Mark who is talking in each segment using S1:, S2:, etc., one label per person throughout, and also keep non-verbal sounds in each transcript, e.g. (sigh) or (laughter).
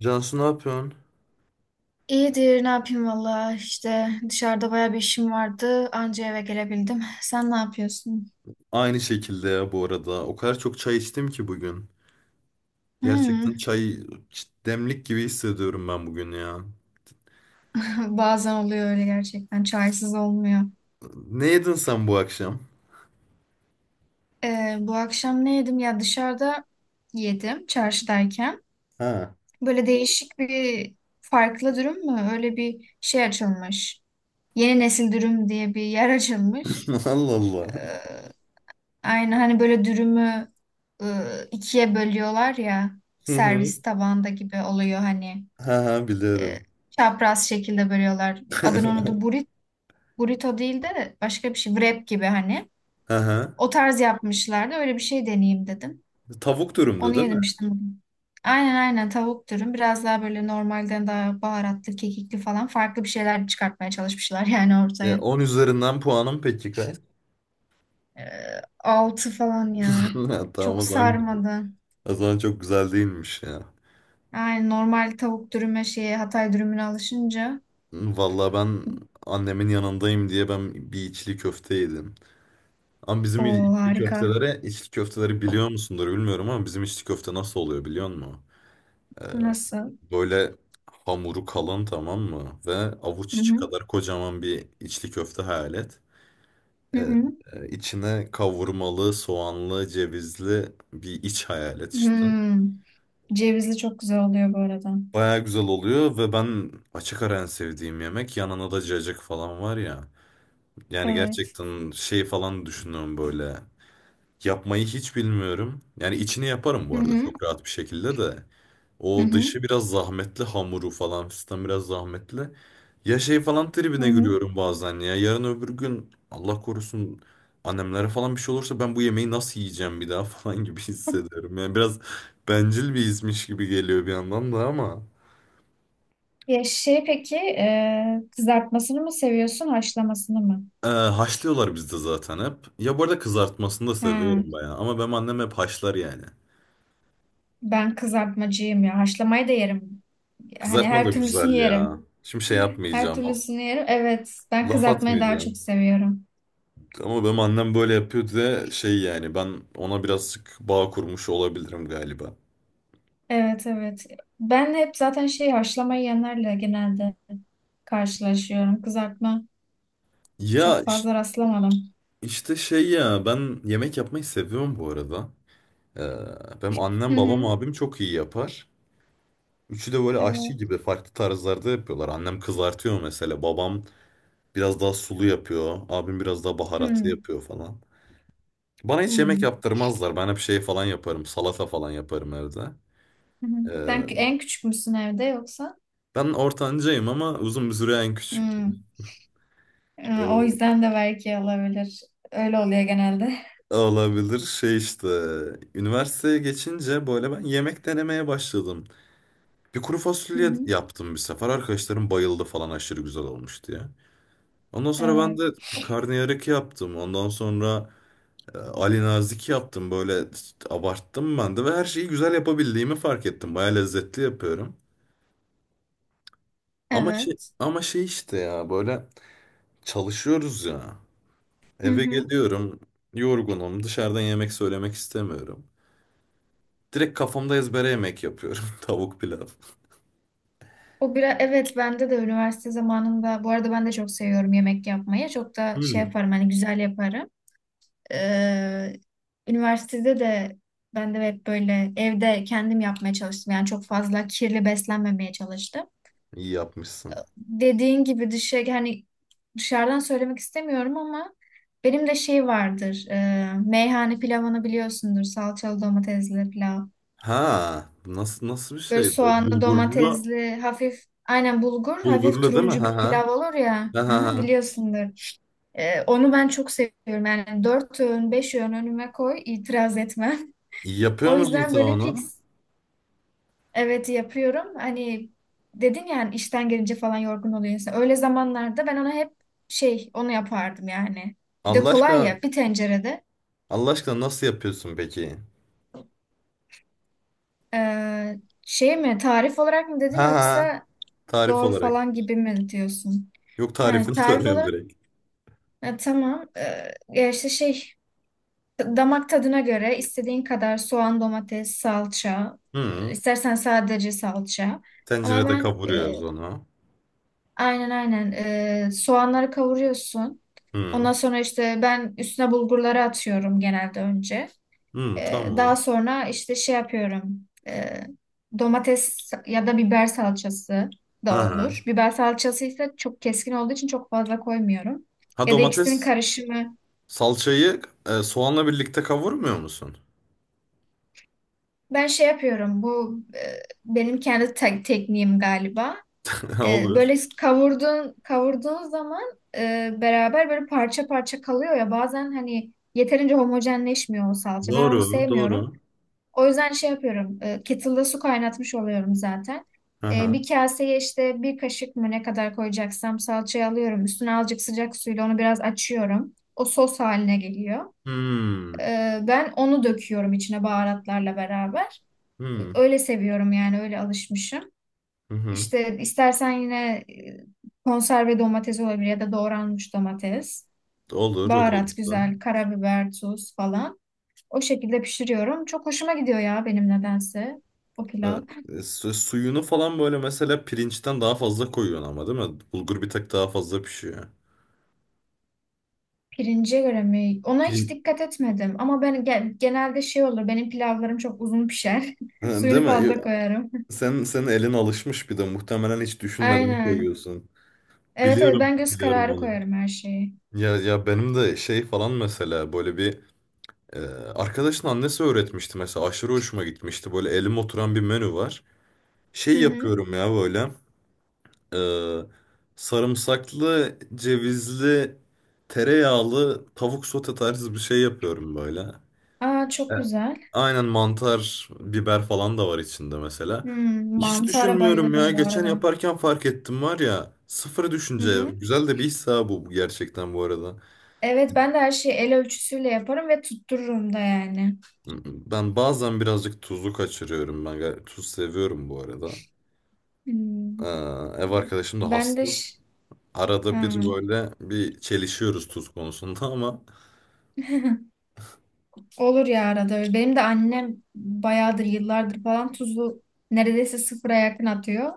S1: Cansu, ne yapıyorsun?
S2: İyidir, ne yapayım valla işte dışarıda baya bir işim vardı anca eve gelebildim. (laughs) Sen ne yapıyorsun?
S1: Aynı şekilde ya bu arada. O kadar çok çay içtim ki bugün. Gerçekten
S2: Hmm.
S1: çay demlik gibi hissediyorum ben bugün ya.
S2: (laughs) Bazen oluyor öyle gerçekten çaysız olmuyor.
S1: Ne yedin sen bu akşam?
S2: Bu akşam ne yedim ya dışarıda yedim çarşıdayken.
S1: Ha.
S2: Böyle değişik bir farklı dürüm mü? Öyle bir şey açılmış. Yeni nesil dürüm diye bir yer (laughs) açılmış.
S1: (laughs) Allah Allah.
S2: Aynı hani böyle dürümü ikiye bölüyorlar ya
S1: Hı hı.
S2: servis tabağında gibi oluyor hani.
S1: Ha ha,
S2: e,
S1: biliyorum.
S2: Çapraz şekilde bölüyorlar. Adını unuttum.
S1: (laughs)
S2: Burit, burrito değil de başka bir şey. Wrap gibi hani.
S1: Ha ha.
S2: O tarz yapmışlardı. Öyle bir şey deneyeyim dedim.
S1: Tavuk dürümdü
S2: Onu
S1: değil mi?
S2: yedim işte. Bugün. Aynen aynen tavuk dürüm. Biraz daha böyle normalden daha baharatlı, kekikli falan farklı bir şeyler çıkartmaya çalışmışlar (laughs) yani
S1: Ya,
S2: ortaya.
S1: 10 üzerinden puanım peki kaç?
S2: Ee, Altı falan ya.
S1: (laughs) Ha, tamam
S2: Çok
S1: o zaman,
S2: sarmadı.
S1: o zaman çok güzel değilmiş ya.
S2: Aynen normal tavuk dürüme şeye Hatay dürümüne alışınca.
S1: Vallahi ben annemin yanındayım diye ben bir içli köfte yedim. Ama
S2: O
S1: bizim içli
S2: harika.
S1: köftelere, içli köfteleri biliyor musundur bilmiyorum ama bizim içli köfte nasıl oluyor biliyor musun?
S2: Nasıl?
S1: Böyle hamuru kalın, tamam mı? Ve avuç
S2: Hı
S1: içi
S2: hı.
S1: kadar kocaman bir içli köfte hayal et.
S2: Hı
S1: Ee,
S2: hı.
S1: içine kavurmalı, soğanlı, cevizli bir iç hayal et işte.
S2: Hmm. Cevizli çok güzel oluyor bu arada.
S1: Baya güzel oluyor ve ben açık ara en sevdiğim yemek, yanına da cacık falan var ya. Yani
S2: Evet.
S1: gerçekten şey falan düşünüyorum böyle. Yapmayı hiç bilmiyorum. Yani içini yaparım
S2: Hı
S1: bu arada,
S2: hı.
S1: çok rahat bir şekilde de.
S2: Hı
S1: O
S2: hı.
S1: dışı biraz zahmetli, hamuru falan fistan biraz zahmetli. Ya şey falan
S2: Hı
S1: tribine
S2: hı.
S1: giriyorum bazen ya. Yarın öbür gün Allah korusun, annemlere falan bir şey olursa ben bu yemeği nasıl yiyeceğim bir daha (laughs) falan gibi hissediyorum. Yani biraz bencil bir izmiş gibi geliyor bir yandan da ama.
S2: Ya şey peki kızartmasını mı seviyorsun haşlamasını mı?
S1: Haşlıyorlar bizde zaten hep. Ya bu arada kızartmasını da
S2: Ha,
S1: seviyorum bayağı. Ama benim annem hep haşlar yani.
S2: ben kızartmacıyım ya. Haşlamayı da yerim. Hani
S1: Kızartma da
S2: her türlüsünü
S1: güzel ya.
S2: yerim.
S1: Şimdi şey
S2: Her
S1: yapmayacağım.
S2: türlüsünü yerim. Evet. Ben
S1: Laf
S2: kızartmayı daha
S1: atmayacağım.
S2: çok seviyorum.
S1: Ama benim annem böyle yapıyor diye şey, yani ben ona birazcık bağ kurmuş olabilirim galiba.
S2: Evet evet. Ben hep zaten şey haşlamayı yiyenlerle genelde karşılaşıyorum. Kızartma
S1: Ya
S2: çok
S1: iş-
S2: fazla rastlamadım.
S1: işte şey ya, ben yemek yapmayı seviyorum bu arada. Benim annem,
S2: Hı
S1: babam,
S2: hı.
S1: abim çok iyi yapar. Üçü de böyle aşçı
S2: Evet.
S1: gibi farklı tarzlarda yapıyorlar. Annem kızartıyor mesela, babam biraz daha sulu yapıyor. Abim biraz daha baharatlı
S2: Hı
S1: yapıyor falan. Bana hiç yemek
S2: hı.
S1: yaptırmazlar. Ben hep şey falan yaparım, salata falan yaparım evde.
S2: Hı hı.
S1: Ee,
S2: En küçük müsün evde yoksa?
S1: Ben ortancayım ama uzun bir süre en küçük.
S2: Hmm. O
S1: e,
S2: yüzden de belki olabilir. Öyle oluyor genelde.
S1: Olabilir şey işte. Üniversiteye geçince böyle ben yemek denemeye başladım. Bir kuru
S2: Hı
S1: fasulye
S2: hı.
S1: yaptım bir sefer. Arkadaşlarım bayıldı falan, aşırı güzel olmuş diye. Ondan sonra ben
S2: Evet.
S1: de bir karnıyarık yaptım. Ondan sonra Ali Nazik yaptım. Böyle abarttım ben de ve her şeyi güzel yapabildiğimi fark ettim. Baya lezzetli yapıyorum. Ama şey
S2: Evet.
S1: ama şey işte ya, böyle çalışıyoruz ya.
S2: Hı
S1: Eve
S2: hı.
S1: geliyorum, yorgunum. Dışarıdan yemek söylemek istemiyorum. Direkt kafamda ezbere yemek yapıyorum. (laughs) Tavuk pilav.
S2: O biraz evet bende de üniversite zamanında bu arada ben de çok seviyorum yemek yapmayı. Çok da şey
S1: Hmm.
S2: yaparım hani güzel yaparım. Ee, Üniversitede de ben de hep böyle evde kendim yapmaya çalıştım. Yani çok fazla kirli beslenmemeye çalıştım.
S1: İyi yapmışsın.
S2: Dediğin gibi dışarı hani dışarıdan söylemek istemiyorum ama benim de şey vardır. E, meyhane pilavını biliyorsundur. Salçalı domatesli pilav.
S1: Ha, nasıl, nasıl bir
S2: Böyle
S1: şeydi o?
S2: soğanlı
S1: Bulgurlu,
S2: domatesli hafif aynen bulgur hafif
S1: bulgurlu değil mi?
S2: turuncu bir
S1: Ha ha.
S2: pilav olur ya.
S1: Ha
S2: Hı
S1: ha.
S2: hı,
S1: Ha.
S2: biliyorsundur. E, onu ben çok seviyorum. Yani dört öğün beş öğün önüme koy itiraz etmem.
S1: İyi
S2: (laughs)
S1: yapıyor
S2: O
S1: musun
S2: yüzden
S1: sen
S2: böyle
S1: onu?
S2: fix evet yapıyorum. Hani dedin ya hani işten gelince falan yorgun oluyor insan. Öyle zamanlarda ben ona hep şey onu yapardım yani. Bir de
S1: Allah
S2: kolay
S1: aşkına,
S2: ya bir tencerede.
S1: Allah aşkına nasıl yapıyorsun peki?
S2: Ee, Şey mi tarif olarak mı
S1: Ha
S2: dedin
S1: ha.
S2: yoksa
S1: Tarif
S2: doğru
S1: olarak.
S2: falan gibi mi diyorsun?
S1: Yok,
S2: Ha,
S1: tarifini (laughs)
S2: tarif
S1: soruyorum
S2: olarak
S1: direkt.
S2: ha, tamam. Ya işte şey damak tadına göre istediğin kadar soğan, domates, salça.
S1: Hı.
S2: İstersen sadece salça. Ama
S1: Tencerede
S2: ben e,
S1: kavuruyoruz onu.
S2: Aynen aynen. Soğanları kavuruyorsun.
S1: Hı.
S2: Ondan sonra işte ben üstüne bulgurları atıyorum genelde önce.
S1: Hı,
S2: Daha
S1: tamam.
S2: sonra işte şey yapıyorum. Domates ya da biber salçası
S1: Ha
S2: da
S1: ha.
S2: olur. Biber salçası ise çok keskin olduğu için çok fazla koymuyorum.
S1: Ha,
S2: Ya da ikisinin
S1: domates
S2: karışımı.
S1: salçayı soğanla birlikte kavurmuyor musun?
S2: Ben şey yapıyorum. Benim kendi tekniğim galiba.
S1: (laughs)
S2: E,
S1: Olur.
S2: böyle kavurduğun zaman beraber böyle parça parça kalıyor ya bazen hani yeterince homojenleşmiyor o salça. Ben onu
S1: Doğru,
S2: sevmiyorum.
S1: doğru.
S2: O yüzden şey yapıyorum. E, kettle'da su kaynatmış oluyorum zaten. E,
S1: Aha.
S2: bir kaseye işte bir kaşık mı ne kadar koyacaksam salçayı alıyorum. Üstüne azıcık sıcak suyla onu biraz açıyorum. O sos haline geliyor.
S1: Hmm.
S2: E, ben onu döküyorum içine baharatlarla beraber.
S1: Hmm.
S2: Öyle seviyorum yani öyle alışmışım.
S1: Hı hı.
S2: İşte istersen yine konserve domates olabilir ya da doğranmış domates.
S1: Olur, o da
S2: Baharat
S1: olur.
S2: güzel, karabiber, tuz falan. O şekilde pişiriyorum. Çok hoşuma gidiyor ya benim nedense o pilav.
S1: Suyunu falan böyle mesela pirinçten daha fazla koyuyorsun ama değil mi? Bulgur bir tık daha fazla pişiyor.
S2: Pirince göre mi? Ona hiç
S1: Pirin-
S2: dikkat etmedim. Ama ben genelde şey olur. Benim pilavlarım çok uzun pişer. (laughs)
S1: Ha, değil
S2: Suyunu
S1: mi?
S2: fazla koyarım.
S1: Senin elin alışmış bir de, muhtemelen hiç
S2: (laughs)
S1: düşünmeden
S2: Aynen.
S1: koyuyorsun.
S2: Evet evet
S1: Biliyorum,
S2: ben göz
S1: biliyorum
S2: kararı
S1: onu.
S2: koyarım her şeyi.
S1: Ya benim de şey falan mesela, böyle bir e, arkadaşın annesi öğretmişti mesela, aşırı hoşuma gitmişti. Böyle elim oturan bir menü var.
S2: Hı
S1: Şey
S2: hı.
S1: yapıyorum ya böyle. Ee, Sarımsaklı, cevizli, tereyağlı tavuk sote tarzı bir şey yapıyorum böyle.
S2: Aa
S1: E,
S2: çok güzel.
S1: aynen mantar, biber falan da var içinde mesela.
S2: Hmm,
S1: Hiç
S2: mantara
S1: düşünmüyorum ya.
S2: bayılırım bu
S1: Geçen
S2: arada.
S1: yaparken fark ettim var ya. Sıfır
S2: Hı
S1: düşünce.
S2: hı.
S1: Güzel de bir his ha, bu gerçekten bu arada.
S2: Evet ben de her şeyi el ölçüsüyle yaparım ve tuttururum da yani.
S1: Ben bazen birazcık tuzu kaçırıyorum. Ben tuz seviyorum bu arada.
S2: Hmm.
S1: Ee, Ev arkadaşım da
S2: Ben de
S1: hassas.
S2: ş-
S1: Arada
S2: ha.
S1: bir böyle bir çelişiyoruz tuz konusunda ama.
S2: (laughs) Olur ya arada. Öyle. Benim de annem bayağıdır yıllardır falan tuzu neredeyse sıfıra yakın atıyor.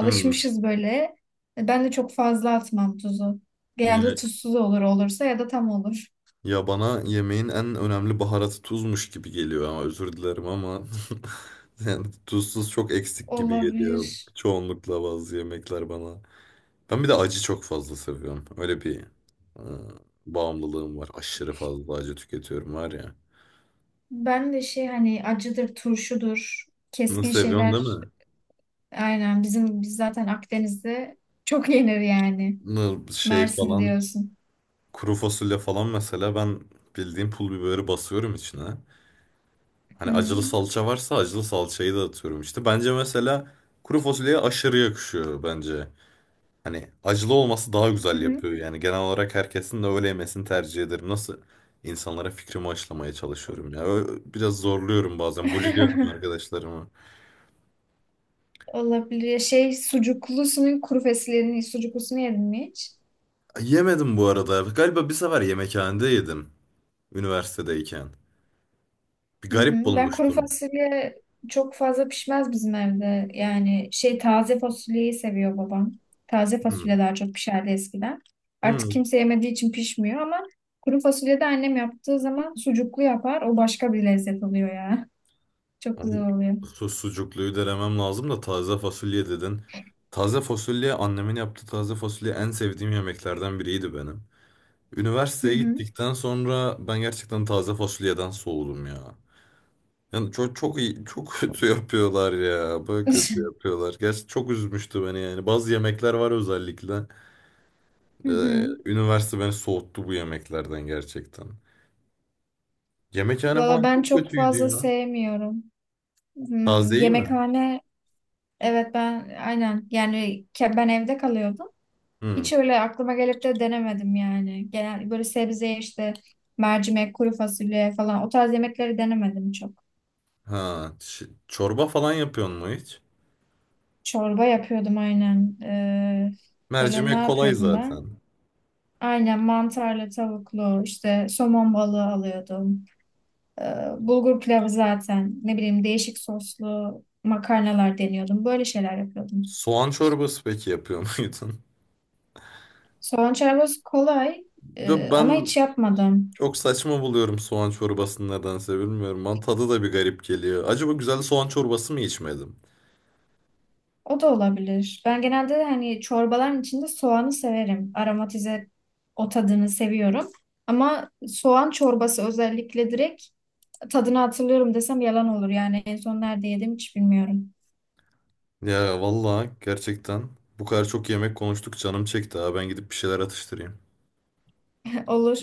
S1: Hmm.
S2: böyle. Ben de çok fazla atmam tuzu. Genelde
S1: Ya,
S2: tuzsuz olur olursa ya da tam olur.
S1: ya, bana yemeğin en önemli baharatı tuzmuş gibi geliyor, ama özür dilerim ama (laughs) yani tuzsuz çok eksik gibi geliyor
S2: Olabilir.
S1: çoğunlukla bazı yemekler bana. Ben bir de acı çok fazla seviyorum. Öyle bir e, bağımlılığım var. Aşırı fazla acı tüketiyorum var ya.
S2: Ben de şey hani acıdır, turşudur,
S1: Bunu
S2: keskin
S1: seviyorsun değil
S2: şeyler
S1: mi?
S2: aynen bizim biz zaten Akdeniz'de çok yenir yani.
S1: Bunu şey
S2: Mersin
S1: falan,
S2: diyorsun.
S1: kuru fasulye falan mesela, ben bildiğim pul biberi basıyorum içine. Hani acılı
S2: Hmm.
S1: salça varsa acılı salçayı da atıyorum işte. Bence mesela kuru fasulyeye aşırı yakışıyor bence. Hani acılı olması daha
S2: Hı
S1: güzel
S2: hı.
S1: yapıyor. Yani genel olarak herkesin de öyle yemesini tercih ederim. Nasıl insanlara fikrimi aşılamaya çalışıyorum ya. Biraz zorluyorum bazen. Buliliyorum
S2: (laughs)
S1: arkadaşlarımı.
S2: Olabilir. Ya şey sucuklusunun kuru fasulyenin sucuklusunu yedin mi hiç?
S1: Yemedim bu arada. Galiba bir sefer yemekhanede yedim. Üniversitedeyken. Bir
S2: Hı
S1: garip
S2: hı. Ben kuru
S1: bulmuştum.
S2: fasulye çok fazla pişmez bizim evde. Yani şey taze fasulyeyi seviyor babam. Taze fasulye
S1: Hmm.
S2: daha çok pişerdi eskiden. Artık
S1: Hmm.
S2: kimse yemediği için pişmiyor ama kuru fasulye de annem yaptığı zaman sucuklu yapar. O başka bir lezzet oluyor ya. (laughs) Çok
S1: Abi,
S2: güzel oluyor.
S1: sucukluyu denemem lazım da, taze fasulye dedin. Taze fasulye, annemin yaptığı taze fasulye en sevdiğim yemeklerden biriydi benim.
S2: Hı
S1: Üniversiteye
S2: hı.
S1: gittikten sonra ben gerçekten taze fasulyeden soğudum ya. Yani çok çok iyi, çok (laughs) kötü yapıyorlar ya. Böyle kötü
S2: (laughs)
S1: yapıyorlar. Gerçi çok üzmüştü beni yani. Bazı yemekler var özellikle.
S2: Hı hı.
S1: Üniversite beni soğuttu bu yemeklerden gerçekten. Yemekhane
S2: Valla
S1: falan
S2: ben
S1: çok
S2: çok
S1: kötüydü
S2: fazla
S1: ya.
S2: sevmiyorum. Hmm,
S1: Tazeyi mi?
S2: yemekhane evet ben aynen yani ben evde kalıyordum.
S1: Hmm.
S2: Hiç öyle aklıma gelip de denemedim yani. Genel böyle sebze işte mercimek, kuru fasulye falan o tarz yemekleri denemedim çok.
S1: Ha, çorba falan yapıyor mu hiç?
S2: Çorba yapıyordum aynen. Böyle ne
S1: Mercimek kolay
S2: yapıyordum ben?
S1: zaten.
S2: Aynen mantarlı, tavuklu, işte somon balığı alıyordum. Ee, Bulgur pilavı zaten ne bileyim değişik soslu makarnalar deniyordum. Böyle şeyler yapıyordum.
S1: Soğan çorbası peki yapıyor (laughs) muydun?
S2: Soğan çorbası kolay
S1: Ya
S2: e, ama
S1: ben
S2: hiç yapmadım.
S1: çok saçma buluyorum soğan çorbasını, nedense bilmiyorum. Bana tadı da bir garip geliyor. Acaba güzel soğan çorbası mı içmedim?
S2: O da olabilir. Ben genelde hani çorbaların içinde soğanı severim. Aromatize o tadını seviyorum. Ama soğan çorbası özellikle direkt tadını hatırlıyorum desem yalan olur. Yani en son nerede yedim hiç bilmiyorum.
S1: Ya vallahi gerçekten bu kadar çok yemek konuştuk, canım çekti ha. Ben gidip bir şeyler atıştırayım.
S2: (laughs) Olur.